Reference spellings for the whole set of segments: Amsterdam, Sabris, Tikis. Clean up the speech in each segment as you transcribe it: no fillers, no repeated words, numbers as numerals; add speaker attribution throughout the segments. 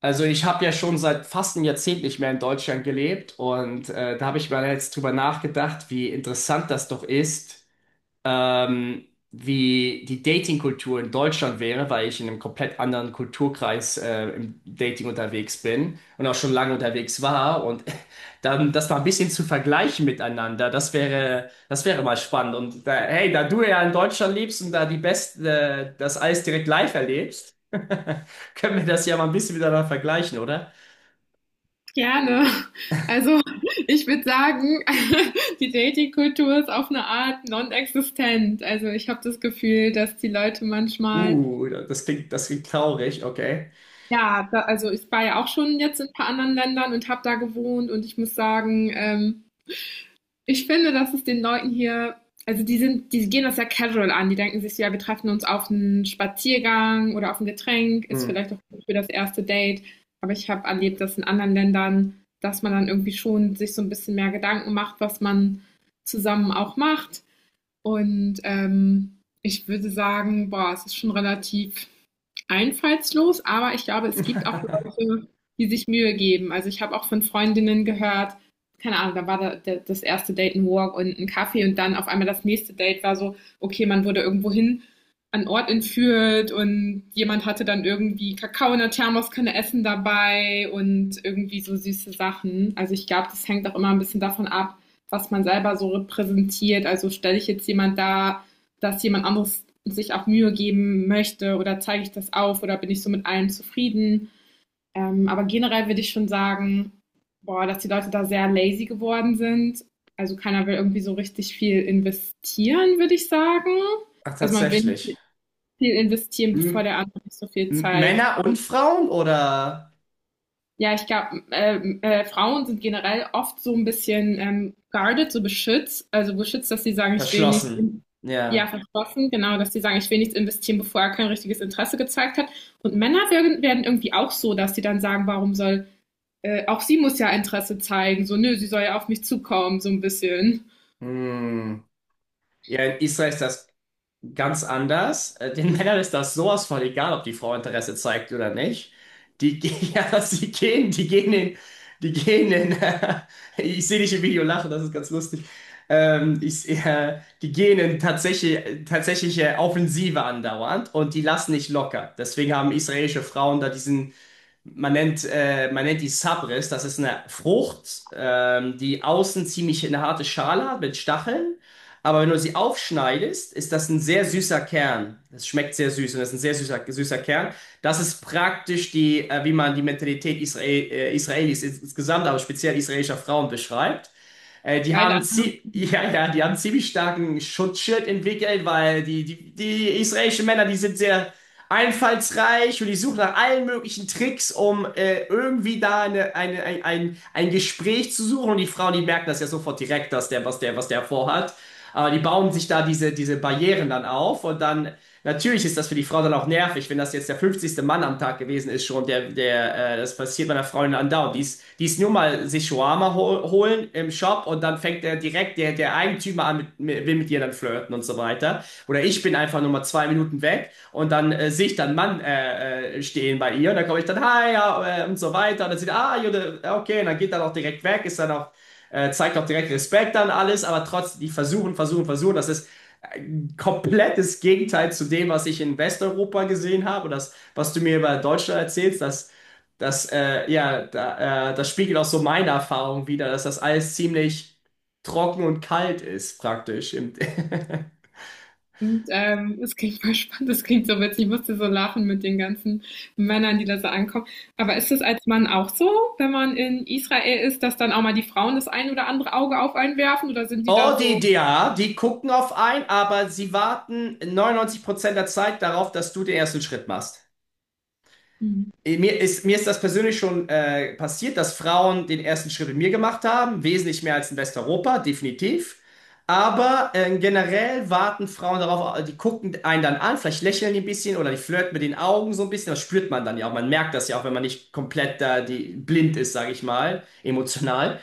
Speaker 1: Also ich habe ja schon seit fast einem Jahrzehnt nicht mehr in Deutschland gelebt, und da habe ich mal jetzt drüber nachgedacht, wie interessant das doch ist, ähm, wie die Dating-Kultur in Deutschland wäre, weil ich in einem komplett anderen Kulturkreis im Dating unterwegs bin und auch schon lange unterwegs war. Und dann das mal ein bisschen zu vergleichen miteinander, das wäre mal spannend. Und da, hey, da du ja in Deutschland lebst und da das alles direkt live erlebst, können wir das ja mal ein bisschen miteinander vergleichen, oder?
Speaker 2: Gerne. Also ich würde sagen, die Dating-Kultur ist auf eine Art non-existent. Also ich habe das Gefühl, dass die Leute manchmal,
Speaker 1: Das klingt traurig, okay.
Speaker 2: ja, da, also ich war ja auch schon jetzt in ein paar anderen Ländern und habe da gewohnt und ich muss sagen, ich finde, dass es den Leuten hier, also die sind, die gehen das ja casual an. Die denken sich so, ja, wir treffen uns auf einen Spaziergang oder auf ein Getränk, ist
Speaker 1: Hm.
Speaker 2: vielleicht auch gut für das erste Date. Aber ich habe erlebt, dass in anderen Ländern, dass man dann irgendwie schon sich so ein bisschen mehr Gedanken macht, was man zusammen auch macht. Und ich würde sagen, boah, es ist schon relativ einfallslos, aber ich glaube, es gibt auch Leute, die sich Mühe geben. Also ich habe auch von Freundinnen gehört, keine Ahnung, da war da, da, das erste Date ein Walk und ein Kaffee und dann auf einmal das nächste Date war so, okay, man wurde irgendwo hin an Ort entführt und jemand hatte dann irgendwie Kakao in der Thermoskanne Essen dabei und irgendwie so süße Sachen. Also ich glaube, das hängt auch immer ein bisschen davon ab, was man selber so repräsentiert. Also stelle ich jetzt jemand da, dass jemand anderes sich auch Mühe geben möchte oder zeige ich das auf oder bin ich so mit allem zufrieden. Aber generell würde ich schon sagen, boah, dass die Leute da sehr lazy geworden sind. Also keiner will irgendwie so richtig viel investieren, würde ich sagen.
Speaker 1: Ach,
Speaker 2: Also man will
Speaker 1: tatsächlich.
Speaker 2: viel investieren, bevor
Speaker 1: Hm.
Speaker 2: der andere nicht so viel zeigt.
Speaker 1: Männer und Frauen oder
Speaker 2: Ja, ich glaube, Frauen sind generell oft so ein bisschen guarded, so beschützt, also beschützt, dass sie sagen, ich will nicht,
Speaker 1: verschlossen?
Speaker 2: in, ja,
Speaker 1: Ja.
Speaker 2: verschlossen, genau, dass sie sagen, ich will nichts investieren, bevor er kein richtiges Interesse gezeigt hat. Und Männer werden irgendwie auch so, dass sie dann sagen, warum soll, auch sie muss ja Interesse zeigen, so, nö, sie soll ja auf mich zukommen, so ein bisschen.
Speaker 1: Hm. Ja, in Israel ist das ganz anders. Den Männern ist das sowas von egal, ob die Frau Interesse zeigt oder nicht. Ja, sie gehen, die gehen in, ich sehe dich im Video lachen, das ist ganz lustig. Die gehen in tatsächliche Offensive andauernd und die lassen nicht locker. Deswegen haben israelische Frauen da diesen. Man nennt die Sabris, das ist eine Frucht, die außen ziemlich eine harte Schale hat mit Stacheln. Aber wenn du sie aufschneidest, ist das ein sehr süßer Kern. Das schmeckt sehr süß, und das ist ein sehr süßer, süßer Kern. Das ist praktisch die, wie man die Mentalität Israelis insgesamt, aber speziell israelischer Frauen beschreibt. Die
Speaker 2: Geile
Speaker 1: haben zie
Speaker 2: Analogie.
Speaker 1: ja, ja, die haben ziemlich starken Schutzschild entwickelt, weil die israelischen Männer, die sind sehr einfallsreich, und die suchen nach allen möglichen Tricks, um irgendwie da ein Gespräch zu suchen. Und die Frauen, die merken das ja sofort direkt, was der vorhat. Aber die bauen sich da diese Barrieren dann auf, und dann, natürlich ist das für die Frau dann auch nervig, wenn das jetzt der 50. Mann am Tag gewesen ist schon, das passiert meiner Freundin andauernd. Die ist nur mal sich Shawarma holen im Shop, und dann fängt er direkt, der Eigentümer, an, will mit ihr dann flirten und so weiter. Oder ich bin einfach nur mal 2 Minuten weg, und dann sehe ich dann Mann stehen bei ihr, und dann komme ich dann, hi, ja, und so weiter. Und dann sieht, ah, Jude, okay, und dann geht er auch direkt weg, ist dann auch zeigt auch direkt Respekt an alles, aber trotzdem, die versuchen, versuchen, versuchen. Das ist ein komplettes Gegenteil zu dem, was ich in Westeuropa gesehen habe, das, was du mir über Deutschland erzählst, ja, das spiegelt auch so meine Erfahrung wider, dass das alles ziemlich trocken und kalt ist, praktisch. Im
Speaker 2: Und es klingt voll spannend, es klingt so witzig. Ich musste so lachen mit den ganzen Männern, die da so ankommen. Aber ist es als Mann auch so, wenn man in Israel ist, dass dann auch mal die Frauen das ein oder andere Auge auf einen werfen? Oder sind die
Speaker 1: Oh,
Speaker 2: da
Speaker 1: die
Speaker 2: so?
Speaker 1: da, die gucken auf einen, aber sie warten 99% der Zeit darauf, dass du den ersten Schritt machst.
Speaker 2: Mhm.
Speaker 1: Mir ist das persönlich schon passiert, dass Frauen den ersten Schritt mit mir gemacht haben, wesentlich mehr als in Westeuropa, definitiv. Aber generell warten Frauen darauf, die gucken einen dann an, vielleicht lächeln die ein bisschen oder die flirten mit den Augen so ein bisschen. Das spürt man dann ja auch. Man merkt das ja auch, wenn man nicht komplett blind ist, sage ich mal, emotional.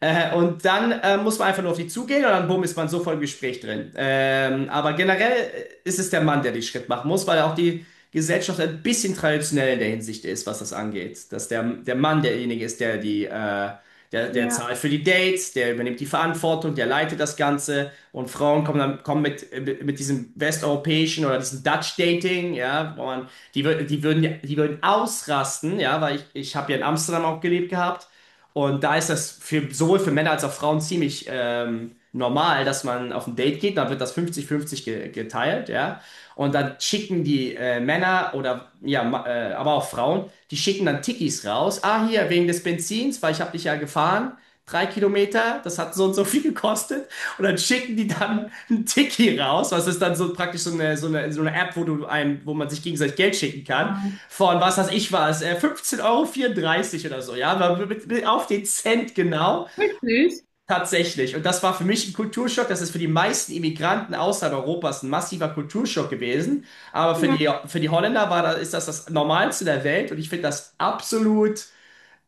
Speaker 1: Und dann muss man einfach nur auf die zugehen, und dann bumm, ist man sofort im Gespräch drin. Aber generell ist es der Mann, der den Schritt machen muss, weil auch die Gesellschaft ein bisschen traditionell in der Hinsicht ist, was das angeht. Dass der Mann derjenige ist, der
Speaker 2: Ja,
Speaker 1: zahlt für die Dates, der übernimmt die Verantwortung, der leitet das Ganze, und Frauen kommen dann kommen mit diesem westeuropäischen oder diesem Dutch Dating, ja, wo man, die würden ausrasten, ja, weil ich habe ja in Amsterdam auch gelebt gehabt. Und da ist das sowohl für Männer als auch Frauen ziemlich normal, dass man auf ein Date geht, dann wird das 50-50 ge geteilt, ja. Und dann schicken die Männer oder ja, aber auch Frauen, die schicken dann Tikis raus. Ah, hier, wegen des Benzins, weil ich habe dich ja gefahren. 3 Kilometer, das hat so und so viel gekostet. Und dann schicken die dann einen Tiki raus. Was ist dann so praktisch so eine App, wo man sich gegenseitig Geld schicken kann. Von was weiß ich was, 15,34 Euro vierunddreißig oder so, ja, aber auf den Cent genau.
Speaker 2: wirklich?
Speaker 1: Tatsächlich. Und das war für mich ein Kulturschock. Das ist für die meisten Immigranten außerhalb Europas ein massiver Kulturschock gewesen. Aber für
Speaker 2: Ja.
Speaker 1: die, für die Holländer ist das das Normalste der Welt. Und ich finde das absolut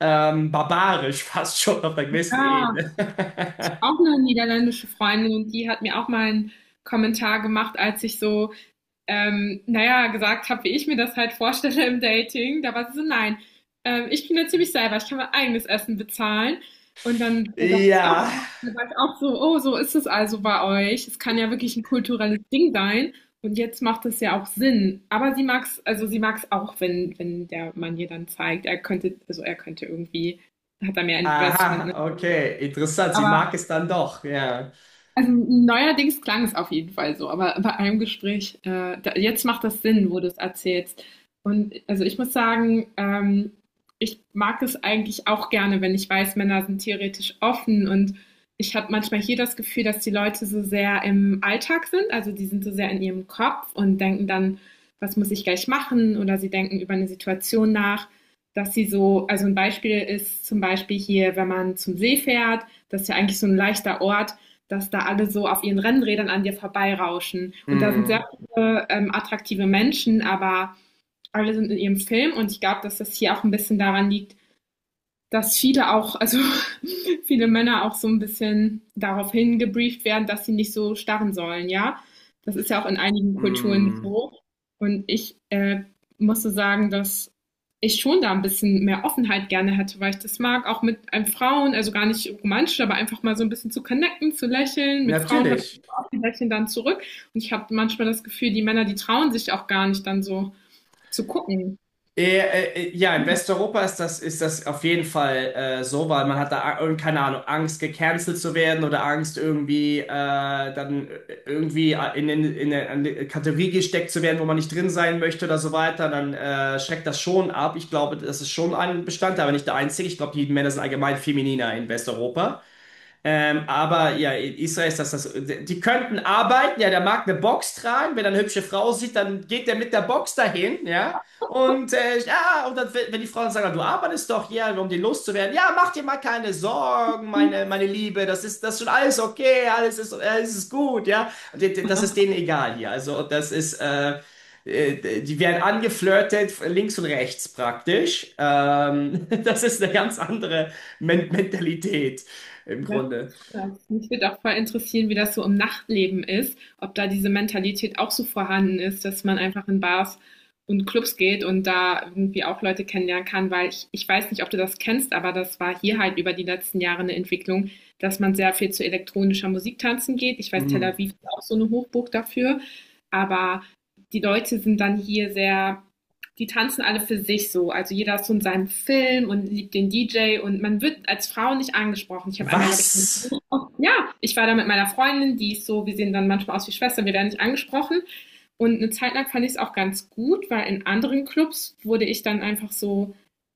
Speaker 1: barbarisch, fast schon auf einer gewissen
Speaker 2: Ah,
Speaker 1: Ebene.
Speaker 2: auch eine niederländische Freundin und die hat mir auch mal einen Kommentar gemacht, als ich so naja, gesagt habe, wie ich mir das halt vorstelle im Dating. Da war sie so, nein, ich bin ja ziemlich selber, ich kann mein eigenes Essen bezahlen. Und dann dachte ich auch,
Speaker 1: Ja.
Speaker 2: da war ich auch so, oh, so ist es also bei euch. Es kann ja wirklich ein kulturelles Ding sein. Und jetzt macht es ja auch Sinn. Aber sie mag es, also sie mag es auch, wenn, wenn der Mann ihr dann zeigt, er könnte, also er könnte irgendwie, hat er mehr Investment, ne?
Speaker 1: Aha, okay. Interessant. Sie
Speaker 2: Aber
Speaker 1: mag es dann doch. Ja.
Speaker 2: also neuerdings klang es auf jeden Fall so, aber bei einem Gespräch, da, jetzt macht das Sinn, wo du es erzählst. Und also ich muss sagen, ich mag es eigentlich auch gerne, wenn ich weiß, Männer sind theoretisch offen und ich habe manchmal hier das Gefühl, dass die Leute so sehr im Alltag sind, also die sind so sehr in ihrem Kopf und denken dann, was muss ich gleich machen oder sie denken über eine Situation nach, dass sie so, also ein Beispiel ist zum Beispiel hier, wenn man zum See fährt, das ist ja eigentlich so ein leichter Ort, dass da alle so auf ihren Rennrädern an dir vorbeirauschen. Und da sind
Speaker 1: Mm,
Speaker 2: sehr viele attraktive Menschen, aber alle sind in ihrem Film und ich glaube, dass das hier auch ein bisschen daran liegt, dass viele auch, also viele Männer auch so ein bisschen darauf hingebrieft werden, dass sie nicht so starren sollen, ja. Das ist ja auch in einigen Kulturen
Speaker 1: mm.
Speaker 2: so. Und ich musste sagen, dass ich schon da ein bisschen mehr Offenheit gerne hätte, weil ich das mag, auch mit einem Frauen, also gar nicht romantisch, aber einfach mal so ein bisschen zu connecten, zu lächeln. Mit Frauen habe
Speaker 1: Natürlich.
Speaker 2: ich auch die Lächeln dann zurück. Und ich habe manchmal das Gefühl, die Männer, die trauen sich auch gar nicht dann so zu gucken.
Speaker 1: Ja, in Westeuropa ist das auf jeden Fall so, weil man hat da, keine Ahnung, Angst, gecancelt zu werden, oder Angst, irgendwie dann irgendwie in eine Kategorie gesteckt zu werden, wo man nicht drin sein möchte oder so weiter, dann schreckt das schon ab. Ich glaube, das ist schon ein Bestandteil, aber nicht der einzige. Ich glaube, die Männer sind allgemein femininer in Westeuropa. Aber ja, in Israel ist das. Die könnten arbeiten, ja, der mag eine Box tragen, wenn er eine hübsche Frau sieht, dann geht der mit der Box dahin, ja. Und ja, und dann, wenn die Frauen sagen, du arbeitest doch hier, um die loszuwerden, ja, mach dir mal keine Sorgen, meine, meine Liebe, das ist schon alles okay, alles ist gut, ja. Das ist denen egal hier. Also, die werden angeflirtet, links und rechts praktisch. Das ist eine ganz andere Mentalität im
Speaker 2: Das
Speaker 1: Grunde.
Speaker 2: ist krass. Mich würde auch voll interessieren, wie das so im Nachtleben ist, ob da diese Mentalität auch so vorhanden ist, dass man einfach in Bars und Clubs geht und da irgendwie auch Leute kennenlernen kann, weil ich weiß nicht, ob du das kennst, aber das war hier halt über die letzten Jahre eine Entwicklung, dass man sehr viel zu elektronischer Musik tanzen geht. Ich weiß, Tel
Speaker 1: Mhm.
Speaker 2: Aviv ist auch so eine Hochburg dafür, aber die Leute sind dann hier sehr die tanzen alle für sich so. Also jeder ist so in seinem Film und liebt den DJ und man wird als Frau nicht angesprochen. Ich habe einmal, glaube ich,
Speaker 1: Was?
Speaker 2: ja, ich war da mit meiner Freundin, die ist so, wir sehen dann manchmal aus wie Schwestern, wir werden nicht angesprochen. Und eine Zeit lang fand ich es auch ganz gut, weil in anderen Clubs wurde ich dann einfach so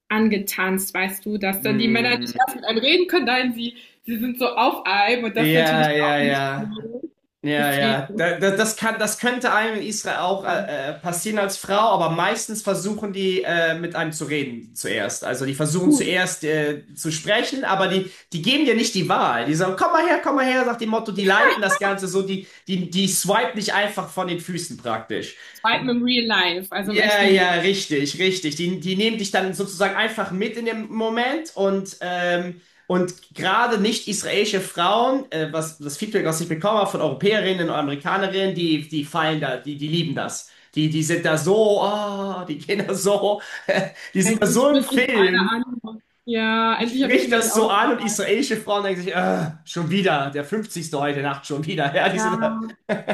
Speaker 2: angetanzt, weißt du, dass dann die Männer nicht
Speaker 1: Mhm.
Speaker 2: erst mit einem reden können, nein, sie sind so auf einem und das natürlich
Speaker 1: Ja, ja,
Speaker 2: auch nicht
Speaker 1: ja.
Speaker 2: so.
Speaker 1: Ja,
Speaker 2: Deswegen
Speaker 1: ja.
Speaker 2: ist es
Speaker 1: Das könnte einem in Israel auch
Speaker 2: dann
Speaker 1: passieren als Frau, aber meistens versuchen die mit einem zu reden zuerst. Also die versuchen
Speaker 2: gut.
Speaker 1: zuerst zu sprechen, aber die geben dir nicht die Wahl. Die sagen, komm mal her, sagt dem Motto, die leiten das Ganze so, die swipen dich einfach von den Füßen praktisch.
Speaker 2: Zweitens im Real Life, also im
Speaker 1: Ja,
Speaker 2: echten
Speaker 1: ja,
Speaker 2: Leben.
Speaker 1: richtig, richtig. Die nehmen dich dann sozusagen einfach mit in dem Moment, und gerade nicht israelische Frauen, was das Feedback, was ich bekommen habe von Europäerinnen und Amerikanerinnen, die fallen da, die lieben das. Die sind da so, ah, die gehen da so, die sind da
Speaker 2: Endlich
Speaker 1: so im
Speaker 2: spricht dich mal
Speaker 1: Film.
Speaker 2: einer an. Ja,
Speaker 1: Ich
Speaker 2: endlich habe ich
Speaker 1: spricht
Speaker 2: immer die
Speaker 1: das so an, und
Speaker 2: Auswahl.
Speaker 1: israelische Frauen denken sich, ah, schon wieder, der 50. heute Nacht schon wieder. Ja, die
Speaker 2: Ja.
Speaker 1: sind,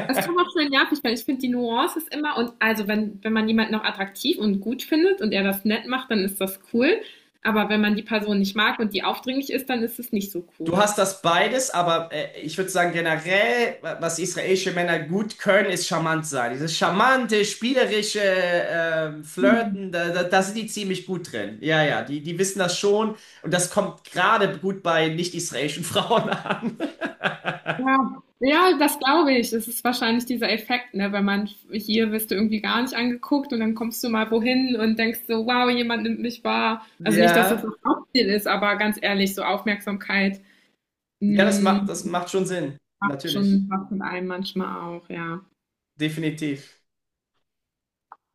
Speaker 2: Das kann auch schön nervig werden. Ich finde, die Nuance ist immer, und also wenn, wenn man jemanden noch attraktiv und gut findet und er das nett macht, dann ist das cool. Aber wenn man die Person nicht mag und die aufdringlich ist, dann ist es nicht so
Speaker 1: du
Speaker 2: cool.
Speaker 1: hast das beides, aber ich würde sagen, generell, was israelische Männer gut können, ist charmant sein. Dieses charmante, spielerische
Speaker 2: Mhm.
Speaker 1: Flirten, da sind die ziemlich gut drin. Ja, ja, die wissen das schon, und das kommt gerade gut bei nicht-israelischen Frauen an.
Speaker 2: Ja, ja, das glaube ich. Das ist wahrscheinlich dieser Effekt, ne? Wenn man hier wirst du irgendwie gar nicht angeguckt und dann kommst du mal wohin und denkst so, wow, jemand nimmt mich wahr. Also nicht, dass das
Speaker 1: Ja,
Speaker 2: das Hauptziel ist, aber ganz ehrlich, so Aufmerksamkeit.
Speaker 1: ja, das macht,
Speaker 2: Hm,
Speaker 1: das macht schon Sinn.
Speaker 2: macht
Speaker 1: Natürlich.
Speaker 2: schon was mit einem manchmal auch, ja.
Speaker 1: Definitiv.